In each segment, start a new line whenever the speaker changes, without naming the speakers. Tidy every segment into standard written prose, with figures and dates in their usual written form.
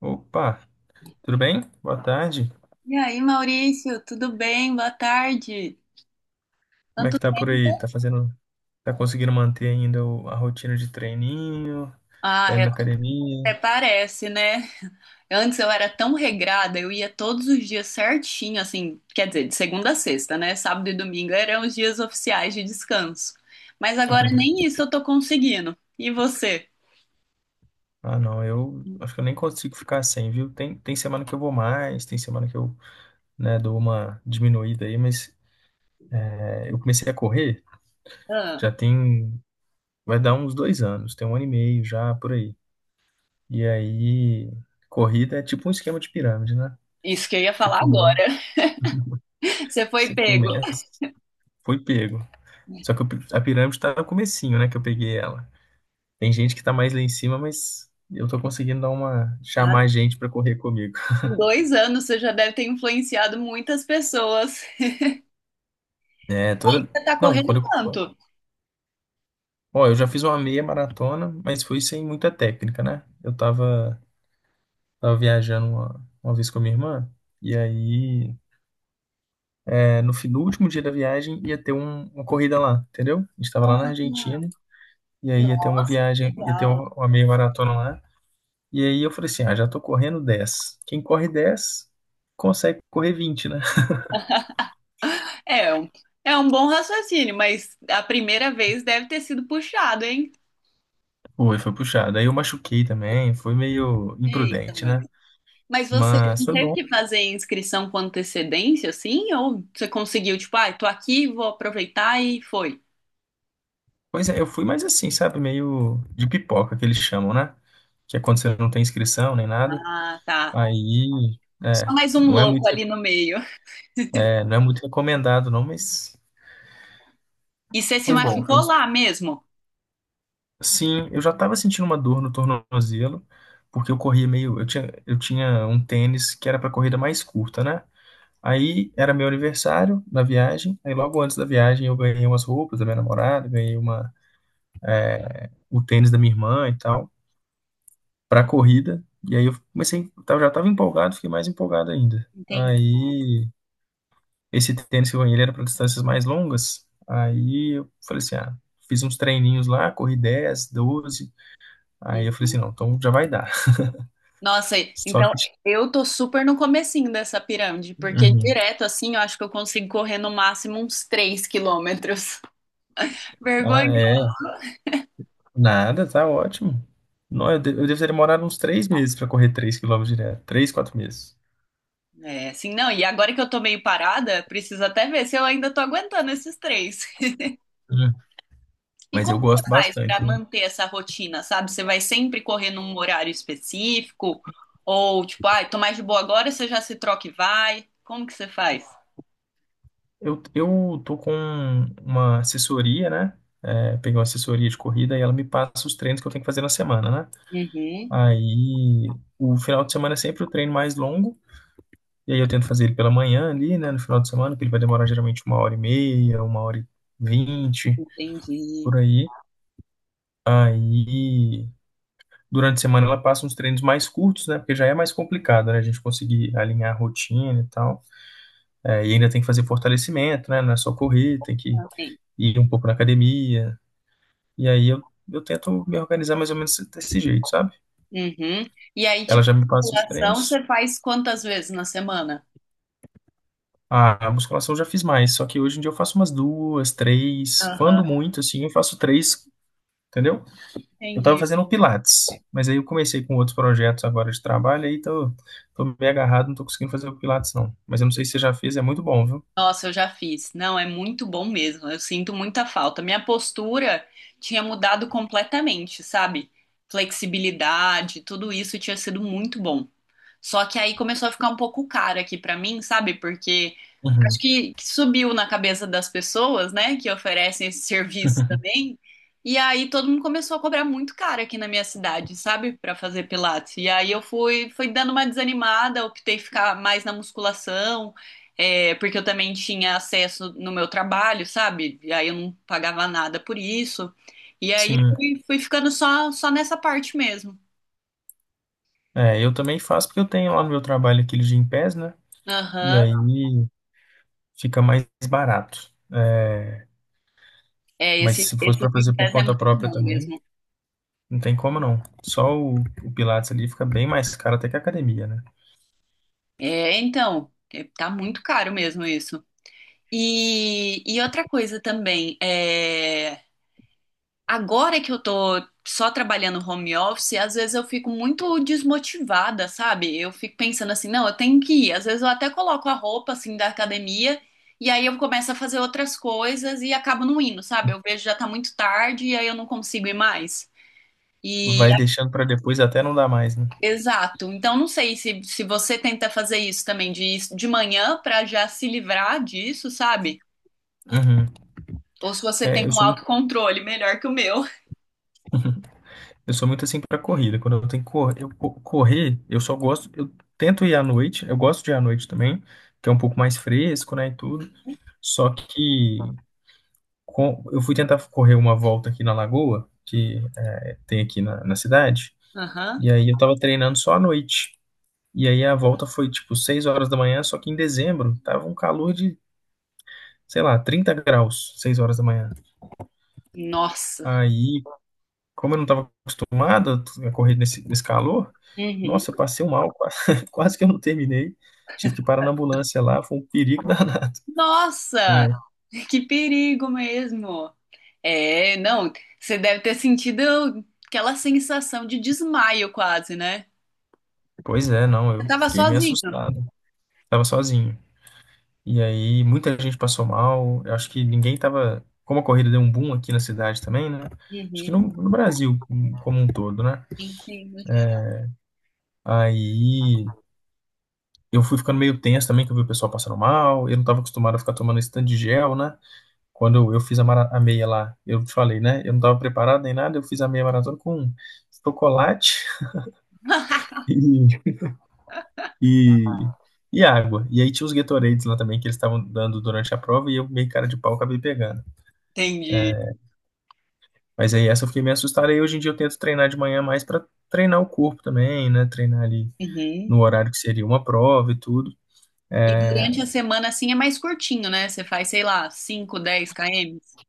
Opa, tudo bem? Boa tarde.
E aí, Maurício, tudo bem? Boa tarde.
Como é
Quanto
que tá por aí?
tempo?
Tá conseguindo manter ainda a rotina de treininho?
Ah,
Tá indo na
eu-
academia?
Até parece, né? Antes eu era tão regrada, eu ia todos os dias certinho, assim, quer dizer, de segunda a sexta, né? Sábado e domingo eram os dias oficiais de descanso. Mas agora nem isso eu tô conseguindo. E você?
Ah, não, eu acho que eu nem consigo ficar sem, viu? Tem semana que eu vou mais, tem semana que eu, né, dou uma diminuída aí, mas é, eu comecei a correr,
Ah,
já tem, vai dar uns 2 anos, tem 1 ano e meio já por aí. E aí, corrida é tipo um esquema de pirâmide, né?
isso que eu ia
Você
falar
começa,
agora. Você foi
você
pego.
começa, foi pego. Só que a pirâmide tá no comecinho, né, que eu peguei ela. Tem gente que tá mais lá em cima, mas eu tô conseguindo dar uma
Ah,
chamar gente pra correr comigo.
com 2 anos você já deve ter influenciado muitas pessoas.
É,
Aí
toda
você tá
Não,
correndo
quando eu
quanto?
Ó, eu já fiz uma meia maratona, mas foi sem muita técnica, né? Eu tava viajando uma vez com a minha irmã e aí no último dia da viagem ia ter uma corrida lá, entendeu? A gente tava lá na
Ah,
Argentina e aí
nossa, que
ia ter
legal.
uma meia maratona lá. E aí eu falei assim, ah, já tô correndo 10. Quem corre 10 consegue correr 20, né?
É, é um- é um bom raciocínio, mas a primeira vez deve ter sido puxado, hein?
Foi puxado. Aí eu machuquei também, foi meio
Eita,
imprudente,
mãe.
né?
Mas você
Mas
não
foi
teve
bom.
que fazer inscrição com antecedência, assim? Ou você conseguiu, tipo, ah, tô aqui, vou aproveitar e foi?
Pois é, eu fui mais assim, sabe? Meio de pipoca que eles chamam, né? Que é quando você não tem inscrição nem nada.
Ah, tá.
Aí,
Só
é,
mais um
não é muito,
louco ali no meio.
não é muito recomendado não, mas
E você se
foi bom.
machucou lá mesmo?
Sim, eu já estava sentindo uma dor no tornozelo, porque eu tinha um tênis que era para corrida mais curta, né? Aí era meu aniversário na viagem. Aí logo antes da viagem eu ganhei umas roupas da minha namorada, ganhei o tênis da minha irmã e tal, pra corrida. E aí eu comecei, eu já tava empolgado, fiquei mais empolgado ainda.
Entendi.
Aí esse tênis que eu ganhei ele era para distâncias mais longas. Aí eu falei assim, ah, fiz uns treininhos lá, corri 10, 12. Aí eu falei assim, não, então já vai dar.
Nossa,
Só
então
que.
eu tô super no comecinho dessa pirâmide, porque
Uhum.
direto assim eu acho que eu consigo correr no máximo uns 3 quilômetros. Vergonha.
Ah, é. Nada, tá ótimo. Não, eu devo ter demorado uns 3 meses para correr 3 quilômetros direto. 3, 4 meses.
É, assim, não, e agora que eu tô meio parada, preciso até ver se eu ainda tô aguentando esses três.
Uhum.
E
Mas
como
eu
você
gosto
faz pra
bastante, viu?
manter essa rotina, sabe? Você vai sempre correr num horário específico? Ou tipo, ai, tô mais de boa agora, você já se troca e vai? Como que você faz?
Eu tô com uma assessoria, né? É, peguei uma assessoria de corrida e ela me passa os treinos que eu tenho que fazer na semana, né?
Uhum,
Aí o final de semana é sempre o treino mais longo. E aí eu tento fazer ele pela manhã ali, né? No final de semana, que ele vai demorar geralmente uma hora e meia, uma hora e vinte,
entendi.
por aí. Aí durante a semana ela passa uns treinos mais curtos, né? Porque já é mais complicado, né? A gente conseguir alinhar a rotina e tal. É, e ainda tem que fazer fortalecimento, né? Não é só correr, tem que
Ok.
ir um pouco na academia. E aí eu tento me organizar mais ou menos desse jeito, sabe?
Uhum. E aí,
Ela
tipo,
já me passa os
musculação
treinos.
você faz quantas vezes na semana?
Ah, a musculação eu já fiz mais, só que hoje em dia eu faço umas duas, três,
Aham,
quando muito, assim, eu faço três, entendeu? Eu estava
entendi.
fazendo Pilates, mas aí eu comecei com outros projetos agora de trabalho, aí tô meio agarrado, não tô conseguindo fazer o Pilates, não. Mas eu não sei se você já fez, é muito bom, viu?
Nossa, eu já fiz. Não, é muito bom mesmo. Eu sinto muita falta. Minha postura tinha mudado completamente, sabe? Flexibilidade, tudo isso tinha sido muito bom. Só que aí começou a ficar um pouco caro aqui pra mim, sabe? Porque acho
Uhum.
que subiu na cabeça das pessoas, né, que oferecem esse serviço também. E aí todo mundo começou a cobrar muito caro aqui na minha cidade, sabe? Pra fazer pilates. E aí eu fui, fui dando uma desanimada, optei ficar mais na musculação, é, porque eu também tinha acesso no meu trabalho, sabe? E aí eu não pagava nada por isso. E aí
Sim.
fui, fui ficando só, só nessa parte mesmo.
É, eu também faço porque eu tenho lá no meu trabalho aquele Gympass, né? E aí
Aham.
fica mais barato.
É,
Mas
esse,
se fosse
esse
para fazer por
Gympass é
conta
muito
própria
bom
também,
mesmo.
não tem como não. Só o Pilates ali fica bem mais caro até que a academia, né?
É, então, é, tá muito caro mesmo isso. E outra coisa também, é, agora que eu tô só trabalhando home office, às vezes eu fico muito desmotivada, sabe? Eu fico pensando assim, não, eu tenho que ir. Às vezes eu até coloco a roupa, assim, da academia, e aí eu começo a fazer outras coisas e acabo não indo, sabe? Eu vejo já tá muito tarde e aí eu não consigo ir mais. E
Vai deixando para depois até não dar mais, né?
exato. Então, não sei se você tenta fazer isso também, de, ir de manhã para já se livrar disso, sabe?
Uhum.
Ou se você
É,
tem
eu
um
sou muito
autocontrole melhor que o meu.
Eu sou muito assim pra corrida. Quando eu tenho que correr, eu só gosto. Eu tento ir à noite. Eu gosto de ir à noite também, que é um pouco mais fresco, né, e tudo. Só que eu fui tentar correr uma volta aqui na Lagoa, que tem aqui na cidade.
Aham.
E aí eu tava treinando só à noite. E aí a volta foi tipo 6 horas da manhã, só que em dezembro tava um calor de, sei lá, 30 graus, 6 horas da manhã.
Nossa.
Aí como eu não estava acostumado a correr nesse calor,
Uhum.
nossa, eu passei um mal, quase, quase que eu não terminei. Tive que parar na ambulância lá, foi um perigo danado.
Nossa!
É.
Que perigo mesmo. É, não, você deve ter sentido aquela sensação de desmaio quase, né?
Pois é, não,
Você
eu
tava
fiquei meio
sozinho.
assustado. Tava sozinho. E aí, muita gente passou mal. Eu acho que ninguém tava. Como a corrida deu um boom aqui na cidade também, né? Acho que no,
Uhum.
no Brasil como um todo, né?
Entendo, geral.
Aí eu fui ficando meio tenso também, que eu vi o pessoal passando mal. Eu não tava acostumado a ficar tomando esse tanto de gel, né? Quando eu fiz a meia lá, eu te falei, né? Eu não estava preparado nem nada, eu fiz a meia maratona com chocolate e, e, e água. E aí tinha os Gatorades lá também que eles estavam dando durante a prova e eu meio cara de pau acabei pegando.
Entendi.
Mas aí essa eu fiquei meio assustado. Aí hoje em dia eu tento treinar de manhã mais para treinar o corpo também, né? Treinar ali
Uhum.
no horário que seria uma prova e tudo.
E
É,
durante a semana, assim, é mais curtinho, né? Você faz, sei lá, 5, 10 km.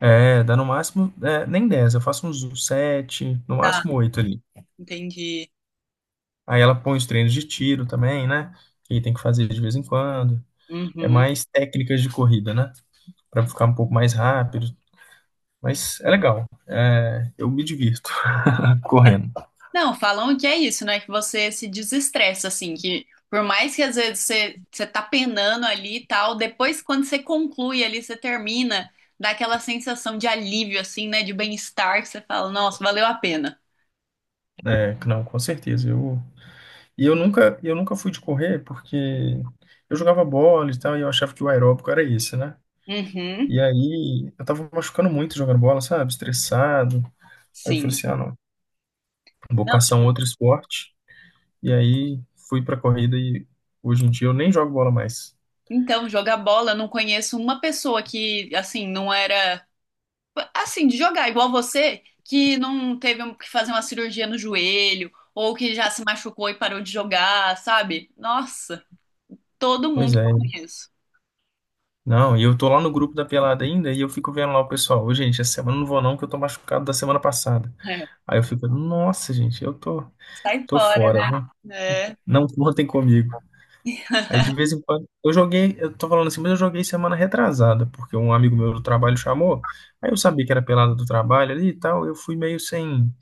dá no máximo, nem 10. Eu faço uns 7, no
Tá,
máximo 8 ali.
entendi.
Aí ela põe os treinos de tiro também, né? Que tem que fazer de vez em quando. É
Uhum.
mais técnicas de corrida, né, para ficar um pouco mais rápido. Mas é legal. É, eu me divirto correndo.
Não, falam que é isso, né? Que você se desestressa, assim, que por mais que às vezes você, você tá penando ali e tal, depois quando você conclui ali, você termina, dá aquela sensação de alívio, assim, né? De bem-estar, que você fala, nossa, valeu a pena.
É, não, com certeza. E eu nunca fui de correr porque eu jogava bola e tal, e eu achava que o aeróbico era esse, né?
Uhum,
E aí eu tava machucando muito jogando bola, sabe? Estressado. Aí eu falei
sim.
assim, ah, não, vou
Não,
caçar um outro esporte. E aí fui pra corrida e hoje em dia eu nem jogo bola mais.
então, jogar bola, eu não conheço uma pessoa que, assim, não era. Assim, de jogar igual você, que não teve um- que fazer uma cirurgia no joelho, ou que já se machucou e parou de jogar, sabe? Nossa, todo
Pois
mundo que eu
é.
conheço.
Não, e eu tô lá no grupo da pelada ainda e eu fico vendo lá o pessoal. Ô, gente, essa semana eu não vou não, que eu tô machucado da semana passada.
É,
Aí eu fico, nossa, gente, eu tô,
sai
tô
fora,
fora,
né?
né?
É,
Não contem comigo. Aí de vez em quando, eu joguei, eu tô falando assim, mas eu joguei semana retrasada, porque um amigo meu do trabalho chamou. Aí eu sabia que era pelada do trabalho ali e tal, eu fui meio sem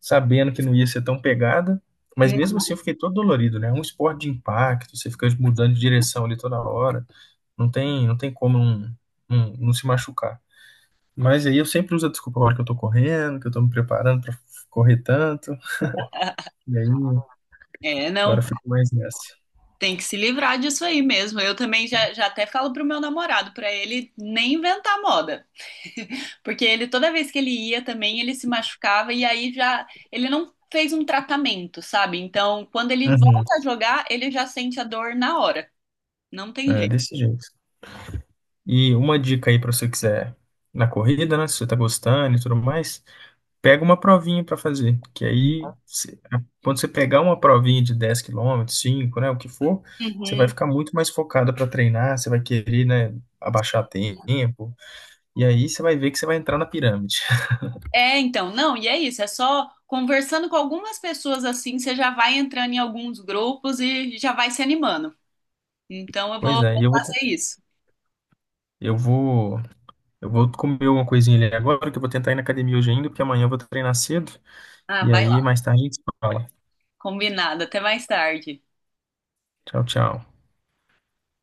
sabendo que não ia ser tão pegada, mas
hum,
mesmo assim eu fiquei todo dolorido, né? É um esporte de impacto, você fica mudando de direção ali toda hora, não tem como não, não se machucar. Mas aí eu sempre uso a desculpa a hora que eu tô correndo, que eu tô me preparando pra correr tanto, e aí
é,
agora
não,
eu fico mais nessa.
tem que se livrar disso aí mesmo. Eu também já, já até falo pro meu namorado, pra ele nem inventar moda. Porque ele, toda vez que ele ia também, ele se machucava e aí já, ele não fez um tratamento, sabe? Então, quando ele
Uhum.
volta a jogar, ele já sente a dor na hora. Não tem
É,
jeito.
desse jeito. E uma dica aí pra você quiser na corrida, né? Se você tá gostando e tudo mais, pega uma provinha para fazer, que aí quando você pegar uma provinha de 10 quilômetros, 5, né, o que for, você vai
Uhum.
ficar muito mais focada para treinar, você vai querer, né, abaixar tempo, e aí você vai ver que você vai entrar na pirâmide.
É, então, não, e é isso, é só conversando com algumas pessoas assim, você já vai entrando em alguns grupos e já vai se animando. Então eu vou
Pois é, e
vou
eu vou te-
fazer isso.
eu vou eu vou comer uma coisinha ali agora, que eu vou tentar ir na academia hoje ainda, porque amanhã eu vou treinar cedo,
Ah,
e
vai
aí
lá.
mais tarde a gente se fala.
Combinado, até mais tarde.
Tchau, tchau.